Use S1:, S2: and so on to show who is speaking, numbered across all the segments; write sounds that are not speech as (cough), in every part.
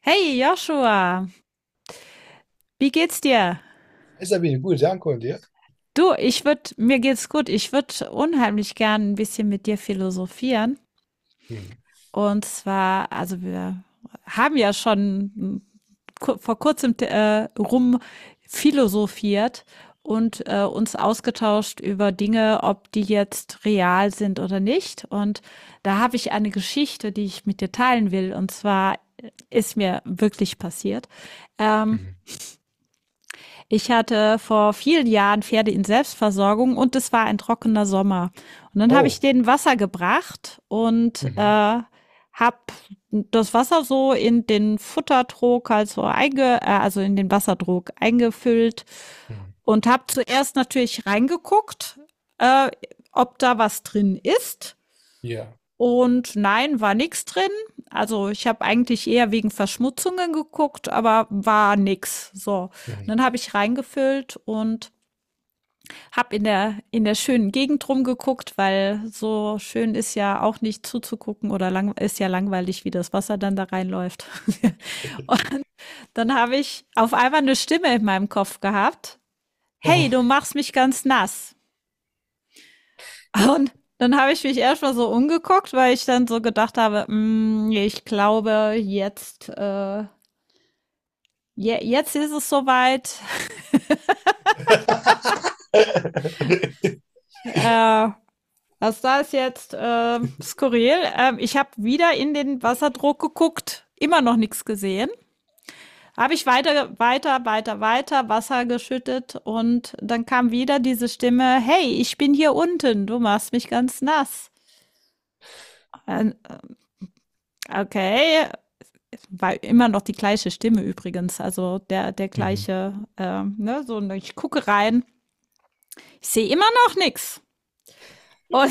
S1: Hey Joshua, wie geht's dir?
S2: Hai Sabine, gut, danke und dir?
S1: Du, mir geht's gut. Ich würde unheimlich gern ein bisschen mit dir philosophieren.
S2: Mhm.
S1: Und zwar, also wir haben ja schon vor kurzem rum philosophiert und uns ausgetauscht über Dinge, ob die jetzt real sind oder nicht. Und da habe ich eine Geschichte, die ich mit dir teilen will. Und zwar ist mir wirklich passiert. Ähm,
S2: Mhm.
S1: Ich hatte vor vielen Jahren Pferde in Selbstversorgung und es war ein trockener Sommer. Und dann habe ich
S2: Oh.
S1: denen Wasser gebracht und
S2: Mhm.
S1: habe das Wasser so in den Futtertrog, also, also in den Wassertrog eingefüllt
S2: Mhm.
S1: und habe zuerst natürlich reingeguckt, äh, ob da was drin ist,
S2: Ja.
S1: und nein, war nichts drin. Also, ich habe eigentlich eher wegen Verschmutzungen geguckt, aber war nix. So, und
S2: Mhm.
S1: dann habe ich reingefüllt und habe in der schönen Gegend rumgeguckt, weil so schön ist ja auch nicht zuzugucken oder lang ist ja langweilig, wie das Wasser dann da reinläuft. (laughs) Dann habe ich auf einmal eine Stimme in meinem Kopf gehabt: „Hey,
S2: Oh.
S1: du machst mich ganz nass.“ Und dann habe ich mich erstmal so umgeguckt, weil ich dann so gedacht habe: „Mm, ich glaube, jetzt, jetzt ist es soweit.
S2: (laughs)
S1: Äh, also da ist jetzt skurril.“ Ich habe wieder in den Wasserdruck geguckt, immer noch nichts gesehen. Habe ich weiter, weiter, weiter, weiter Wasser geschüttet und dann kam wieder diese Stimme: „Hey, ich bin hier unten, du machst mich ganz nass.“ Äh, Okay, war immer noch die gleiche Stimme übrigens, also der, der
S2: Mhm.
S1: gleiche, ne, so, ne, ich gucke rein, ich sehe immer noch nichts. Und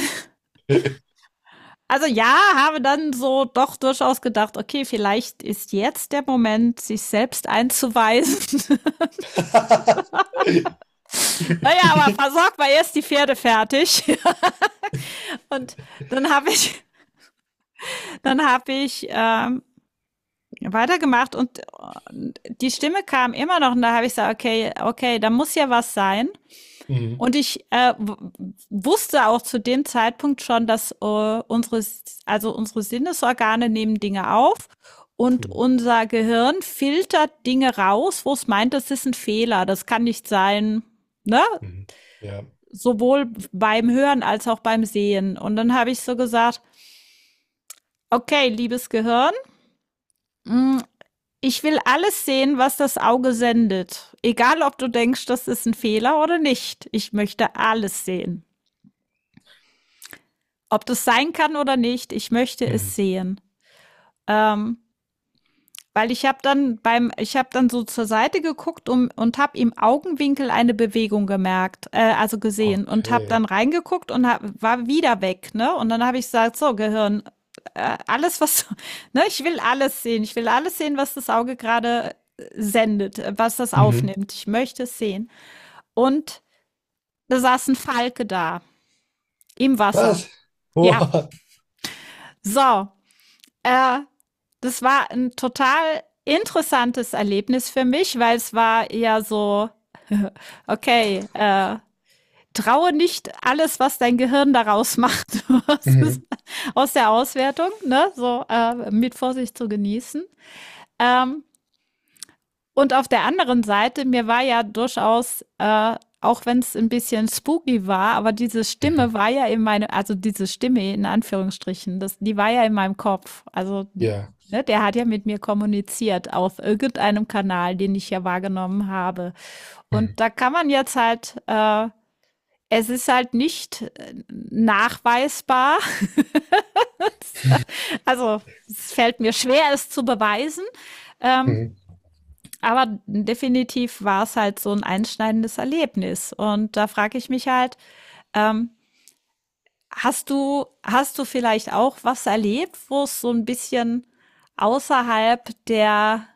S1: (laughs) also ja, habe dann so doch durchaus gedacht, okay, vielleicht ist jetzt der Moment, sich selbst einzuweisen.
S2: (laughs)
S1: (laughs) Naja, aber versorgt mal erst die Pferde fertig. (laughs) Und dann habe ich, dann habe ich weitergemacht und die Stimme kam immer noch und da habe ich gesagt, okay, okay, da muss ja was sein.
S2: Mhm.
S1: Und ich wusste auch zu dem Zeitpunkt schon, dass unsere, also unsere Sinnesorgane nehmen Dinge auf und
S2: Mhm.
S1: unser Gehirn filtert Dinge raus, wo es meint, das ist ein Fehler, das kann nicht sein, ne?
S2: Mhm. Ja.
S1: Sowohl beim Hören als auch beim Sehen. Und dann habe ich so gesagt, okay, liebes Gehirn, mm, ich will alles sehen, was das Auge sendet. Egal, ob du denkst, das ist ein Fehler oder nicht. Ich möchte alles sehen. Ob das sein kann oder nicht, ich möchte es
S2: Mhm.
S1: sehen. Ähm, Weil ich habe dann so zur Seite geguckt um, und habe im Augenwinkel eine Bewegung gemerkt, also gesehen und habe
S2: Okay.
S1: dann reingeguckt und hab, war wieder weg, ne? Und dann habe ich gesagt, so Gehirn, alles was, (laughs) ne? Ich will alles sehen, ich will alles sehen, was das Auge gerade sendet, was das
S2: Mhm.
S1: aufnimmt. Ich möchte es sehen. Und da saß ein Falke da im Wasser.
S2: Was?
S1: Ja,
S2: Boah.
S1: so. Äh, Das war ein total interessantes Erlebnis für mich, weil es war eher so: (laughs) „Okay, traue nicht alles, was dein Gehirn daraus macht, (laughs)
S2: Mhm.
S1: aus der Auswertung, ne, so, mit Vorsicht zu genießen.“ Ähm und auf der anderen Seite, mir war ja durchaus, auch wenn es ein bisschen spooky war, aber diese
S2: Mhm.
S1: Stimme war ja in meine, also diese Stimme in Anführungsstrichen, das, die war ja in meinem Kopf. Also,
S2: Ja.
S1: ne, der hat ja mit mir kommuniziert auf irgendeinem Kanal, den ich ja wahrgenommen habe.
S2: Mhm.
S1: Und da kann man jetzt halt, es ist halt nicht nachweisbar. (laughs) Also, es fällt mir schwer, es zu beweisen. Ähm,
S2: Mhm.
S1: Aber definitiv war es halt so ein einschneidendes Erlebnis. Und da frage ich mich halt, ähm, hast du vielleicht auch was erlebt, wo es so ein bisschen außerhalb der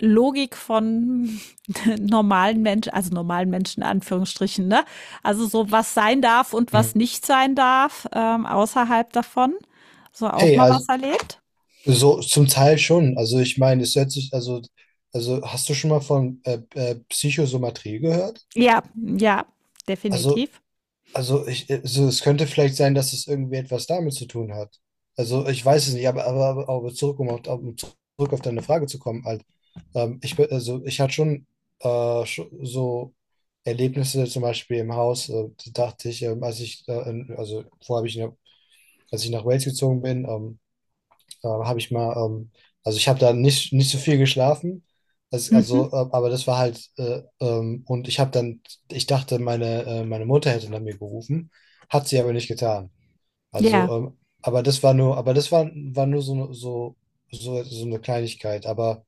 S1: Logik von (laughs) normalen Menschen, also normalen Menschen in Anführungsstrichen, ne? Also so was sein darf und was
S2: Mhm.
S1: nicht sein darf, außerhalb davon. So auch
S2: Hey,
S1: mal was
S2: also
S1: erlebt?
S2: so zum Teil schon. Also ich meine, es hört sich, also hast du schon mal von Psychosomatrie gehört?
S1: Ja, ja,
S2: Also
S1: definitiv.
S2: Also also es könnte vielleicht sein, dass es irgendwie etwas damit zu tun hat. Also ich weiß es nicht, aber um zurück auf deine Frage zu kommen, halt, also ich hatte schon so Erlebnisse zum Beispiel im Haus. Da dachte ich, als ich, in, also vorher habe ich, als ich nach Wales gezogen bin, habe ich mal, also ich habe da nicht so viel geschlafen. Das,
S1: Mhm.
S2: also, aber das war halt, und ich habe dann, ich dachte, meine Mutter hätte nach mir gerufen, hat sie aber nicht getan. Also,
S1: Ja.
S2: aber das war nur, aber das war nur so, so, so eine Kleinigkeit. Aber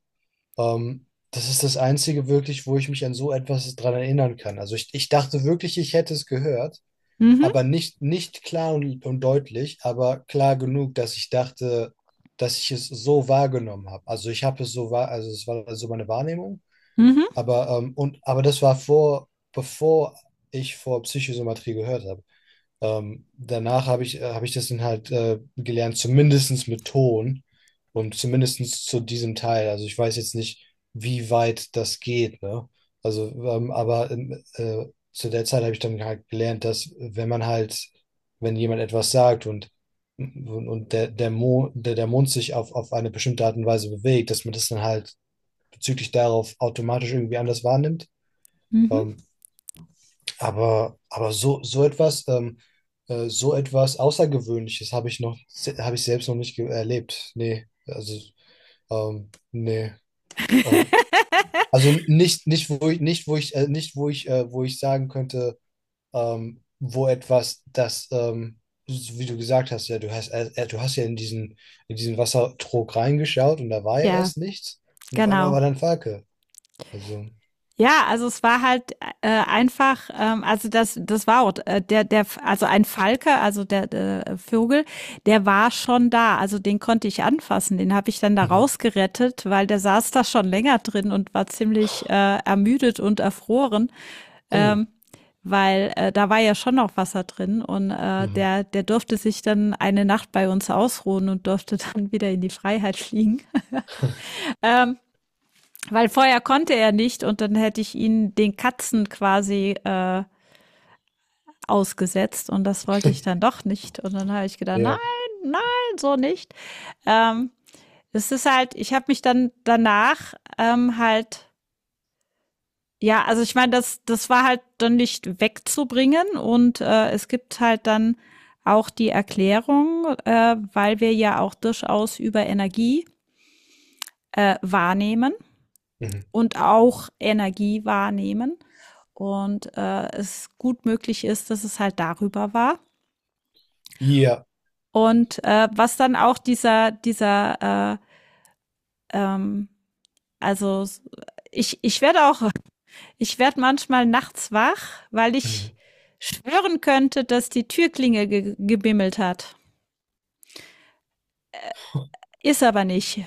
S2: ähm, das ist das Einzige wirklich, wo ich mich an so etwas dran erinnern kann. Also ich dachte wirklich, ich hätte es gehört,
S1: Mhm.
S2: aber nicht klar und deutlich, aber klar genug, dass ich dachte, dass ich es so wahrgenommen habe. Also ich habe es so wahr, also es war so meine Wahrnehmung,
S1: Mhm.
S2: aber und aber das war vor, bevor ich vor Psychosomatrie gehört habe. Danach habe ich das dann halt gelernt, zumindestens mit Ton und zumindestens zu diesem Teil. Also ich weiß jetzt nicht, wie weit das geht, ne? Also, aber zu der Zeit habe ich dann halt gelernt, dass wenn man halt, wenn jemand etwas sagt und der Mund sich auf eine bestimmte Art und Weise bewegt, dass man das dann halt bezüglich darauf automatisch irgendwie anders wahrnimmt.
S1: Mhm.
S2: Ähm, aber, so etwas Außergewöhnliches habe ich noch, habe ich selbst noch nicht erlebt. Nee, also, nee. Ähm, also
S1: (laughs)
S2: nicht, nicht, wo ich, nicht, wo ich, nicht, wo ich sagen könnte, wo etwas, das, so wie du gesagt hast, ja, du hast ja in diesen Wassertrog reingeschaut und da war ja
S1: Ja,
S2: erst nichts. Und auf einmal
S1: genau.
S2: war dann Falke. Also,
S1: Ja, also es war halt einfach, also das, das war auch der, der, also ein Falke, also der, der Vogel, der war schon da, also den konnte ich anfassen, den habe ich dann da
S2: mhm.
S1: rausgerettet, weil der saß da schon länger drin und war ziemlich ermüdet und erfroren,
S2: Oh.
S1: weil da war ja schon noch Wasser drin und
S2: Mhm.
S1: der, der durfte sich dann eine Nacht bei uns ausruhen und durfte (laughs) dann wieder in die Freiheit fliegen. Weil vorher konnte er nicht und dann hätte ich ihn den Katzen quasi ausgesetzt und das wollte ich dann doch nicht. Und dann habe ich gedacht, nein,
S2: Ja.
S1: nein, so nicht. Ähm, Es ist halt, ich habe mich dann danach halt, ja, also ich meine, das, das war halt dann nicht wegzubringen und es gibt halt dann auch die Erklärung, weil wir ja auch durchaus über Energie wahrnehmen
S2: Mhm.
S1: und auch Energie wahrnehmen. Und es gut möglich ist, dass es halt darüber war.
S2: Ja.
S1: Und was dann auch dieser, dieser, ähm, also ich werde auch, ich werde manchmal nachts wach, weil ich
S2: Mhm.
S1: schwören könnte, dass die Türklinge ge gebimmelt hat. Ist aber nicht.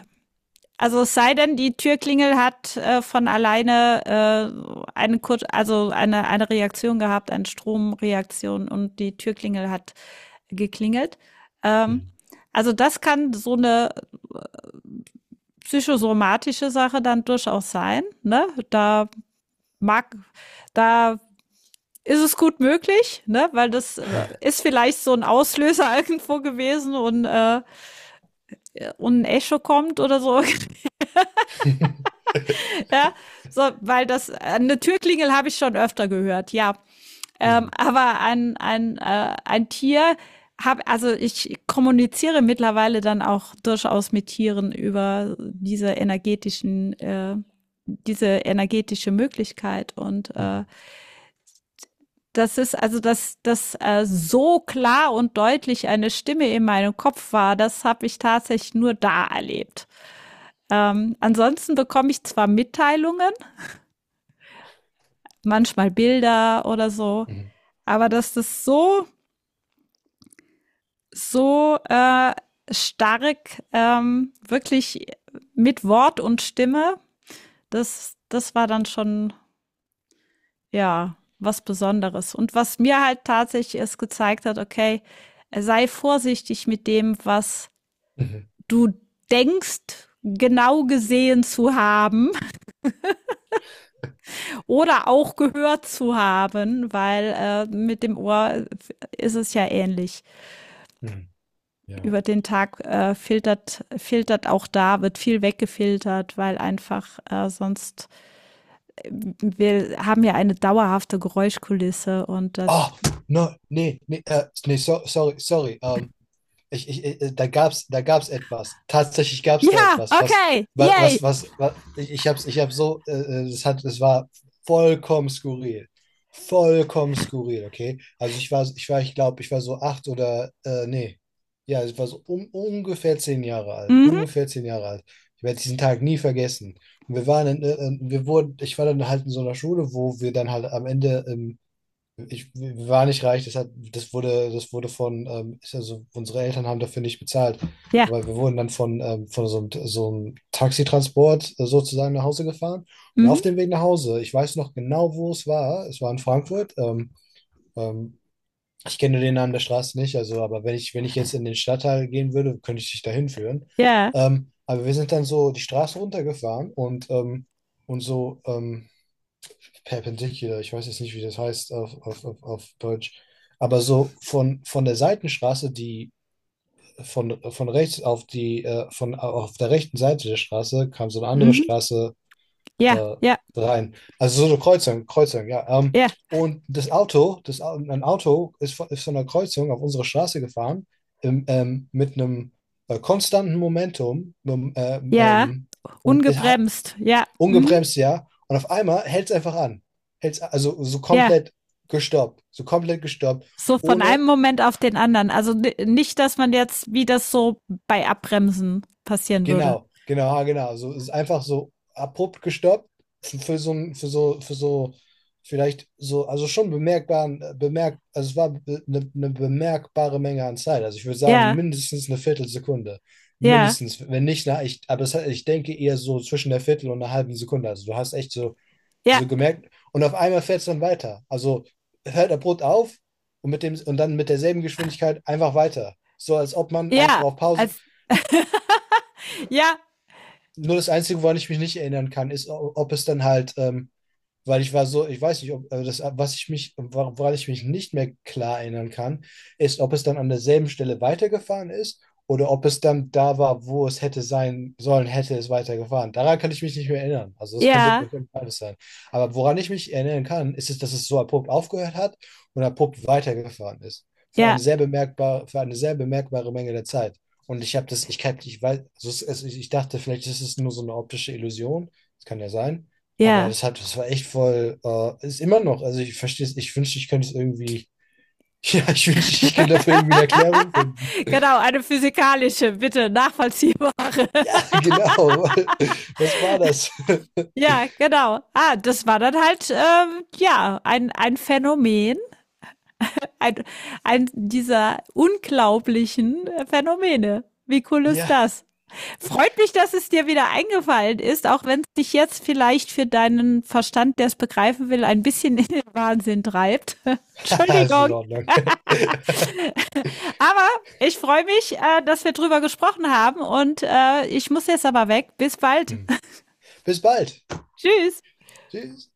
S1: Also es sei denn, die Türklingel hat von alleine eine, Kur also eine Reaktion gehabt, eine Stromreaktion und die Türklingel hat geklingelt. Ähm,
S2: Mhm.
S1: also das kann so eine psychosomatische Sache dann durchaus sein. Ne? Mag, da ist es gut möglich, ne? Weil das ist vielleicht so ein Auslöser (laughs) irgendwo gewesen und ein Echo kommt oder so. (laughs)
S2: Mhm,
S1: (laughs) Ja, so, weil das, eine Türklingel habe ich schon öfter gehört, ja.
S2: mhm,
S1: Aber ein Tier, hab, also ich kommuniziere mittlerweile dann auch durchaus mit Tieren über diese energetischen, diese energetische Möglichkeit. Und
S2: mhm,
S1: das ist, also dass das so klar und deutlich eine Stimme in meinem Kopf war, das habe ich tatsächlich nur da erlebt. Ansonsten bekomme ich zwar Mitteilungen, manchmal Bilder oder so.
S2: mhm, mhm,
S1: Aber dass das so, so stark wirklich mit Wort und Stimme, das, das war dann schon, ja, was Besonderes. Und was mir halt tatsächlich es gezeigt hat, okay, sei vorsichtig mit dem, was
S2: mhm.
S1: du denkst, genau gesehen zu haben oder auch gehört zu haben, weil mit dem Ohr ist es ja ähnlich.
S2: Mhm.
S1: Über
S2: Ja.
S1: den Tag filtert auch da, wird viel weggefiltert, weil einfach äh, wir haben ja eine dauerhafte Geräuschkulisse und
S2: Ah, no, nee, nee, nee, so, sorry, sorry. Da gab's etwas. Tatsächlich gab's da
S1: ja,
S2: etwas, was,
S1: okay,
S2: was,
S1: yay,
S2: was, was, was ich hab's, ich hab so, es war vollkommen skurril. Vollkommen skurril, okay? Also ich glaube, ich war so acht oder, nee. Ja, ich war so um, ungefähr zehn Jahre alt.
S1: mhm,
S2: Ungefähr zehn Jahre alt. Ich werde diesen Tag nie vergessen. Und wir waren ich war dann halt in so einer Schule, wo wir dann halt am Ende, ich war nicht reich, das wurde von, ist, also unsere Eltern haben dafür nicht bezahlt.
S1: ja,
S2: Aber wir wurden dann von so einem Taxitransport sozusagen nach Hause gefahren. Und auf
S1: mhm,
S2: dem Weg nach Hause, ich weiß noch genau, wo es war. Es war in Frankfurt. Ähm, Ich kenne den Namen der Straße nicht, also, aber wenn ich jetzt in den Stadtteil gehen würde, könnte ich dich dahin führen.
S1: ja,
S2: Aber wir sind dann so die Straße runtergefahren und so, perpendicular, ich weiß jetzt nicht, wie das heißt auf Deutsch, aber so von der Seitenstraße, die von rechts auf die, von auf der rechten Seite der Straße kam so eine andere
S1: mhm,
S2: Straße
S1: ja,
S2: äh,
S1: ja,
S2: rein. Also so eine Kreuzung, Kreuzung, ja.
S1: ja,
S2: Und das Auto, ein Auto ist von, der Kreuzung auf unsere Straße gefahren, mit einem konstanten Momentum,
S1: ja,
S2: und es,
S1: ungebremst, ja, mhm,
S2: ungebremst, ja. Und auf einmal hält es einfach an. Hält's, also
S1: ja.
S2: so komplett gestoppt,
S1: So von
S2: ohne,
S1: einem Moment auf den anderen. Also nicht, dass man jetzt, wie das so bei Abbremsen passieren würde.
S2: genau, genau, ah, genau. So es ist einfach so abrupt gestoppt für so ein, für so, vielleicht so, also schon bemerkbaren, also es war eine bemerkbare Menge an Zeit. Also ich würde sagen,
S1: Ja,
S2: mindestens eine Viertelsekunde.
S1: ja,
S2: Mindestens, wenn nicht, na, ich denke eher so zwischen der Viertel und einer halben Sekunde. Also du hast echt so
S1: ja,
S2: so gemerkt. Und auf einmal fährt es dann weiter. Also hört abrupt auf und dann mit derselben Geschwindigkeit einfach weiter. So als ob man einfach
S1: ja,
S2: auf Pause.
S1: als, ja,
S2: Nur das Einzige, woran ich mich nicht erinnern kann, ist, ob es dann halt weil ich war so, ich weiß nicht, ob also das, woran ich mich nicht mehr klar erinnern kann, ist, ob es dann an derselben Stelle weitergefahren ist oder ob es dann da war, wo es hätte sein sollen, hätte es weitergefahren. Daran kann ich mich nicht mehr erinnern. Also das könnte,
S1: ja,
S2: könnte beides sein. Aber woran ich mich erinnern kann, ist es, dass es so abrupt aufgehört hat und abrupt weitergefahren ist. Für
S1: Ja,
S2: eine sehr bemerkbare, für eine sehr bemerkbare Menge der Zeit. Und ich habe das, ich weiß, also ich dachte, vielleicht ist es nur so eine optische Illusion. Das kann ja sein. Aber
S1: ja.
S2: das war echt voll, ist immer noch, also ich verstehe es, ich wünschte, ich könnte es irgendwie, (laughs) ja, ich wünschte, ich könnte dafür irgendwie eine Erklärung finden.
S1: (laughs) Genau, eine physikalische, bitte nachvollziehbare.
S2: Ja,
S1: (laughs)
S2: genau. (laughs) Was war das?
S1: Ja, genau. Ah, das war dann halt ja ein Phänomen, ein, ein dieser unglaublichen Phänomene. Wie cool ist
S2: Ja,
S1: das? Freut mich, dass es dir wieder eingefallen ist, auch wenn es dich jetzt vielleicht für deinen Verstand, der es begreifen will, ein bisschen in den Wahnsinn treibt. (laughs)
S2: (laughs) ist in
S1: Entschuldigung.
S2: Ordnung. (laughs)
S1: Aber ich freue mich, dass wir drüber gesprochen haben und ich muss jetzt aber weg. Bis bald.
S2: Hm. Bis bald.
S1: (laughs) Tschüss.
S2: Tschüss.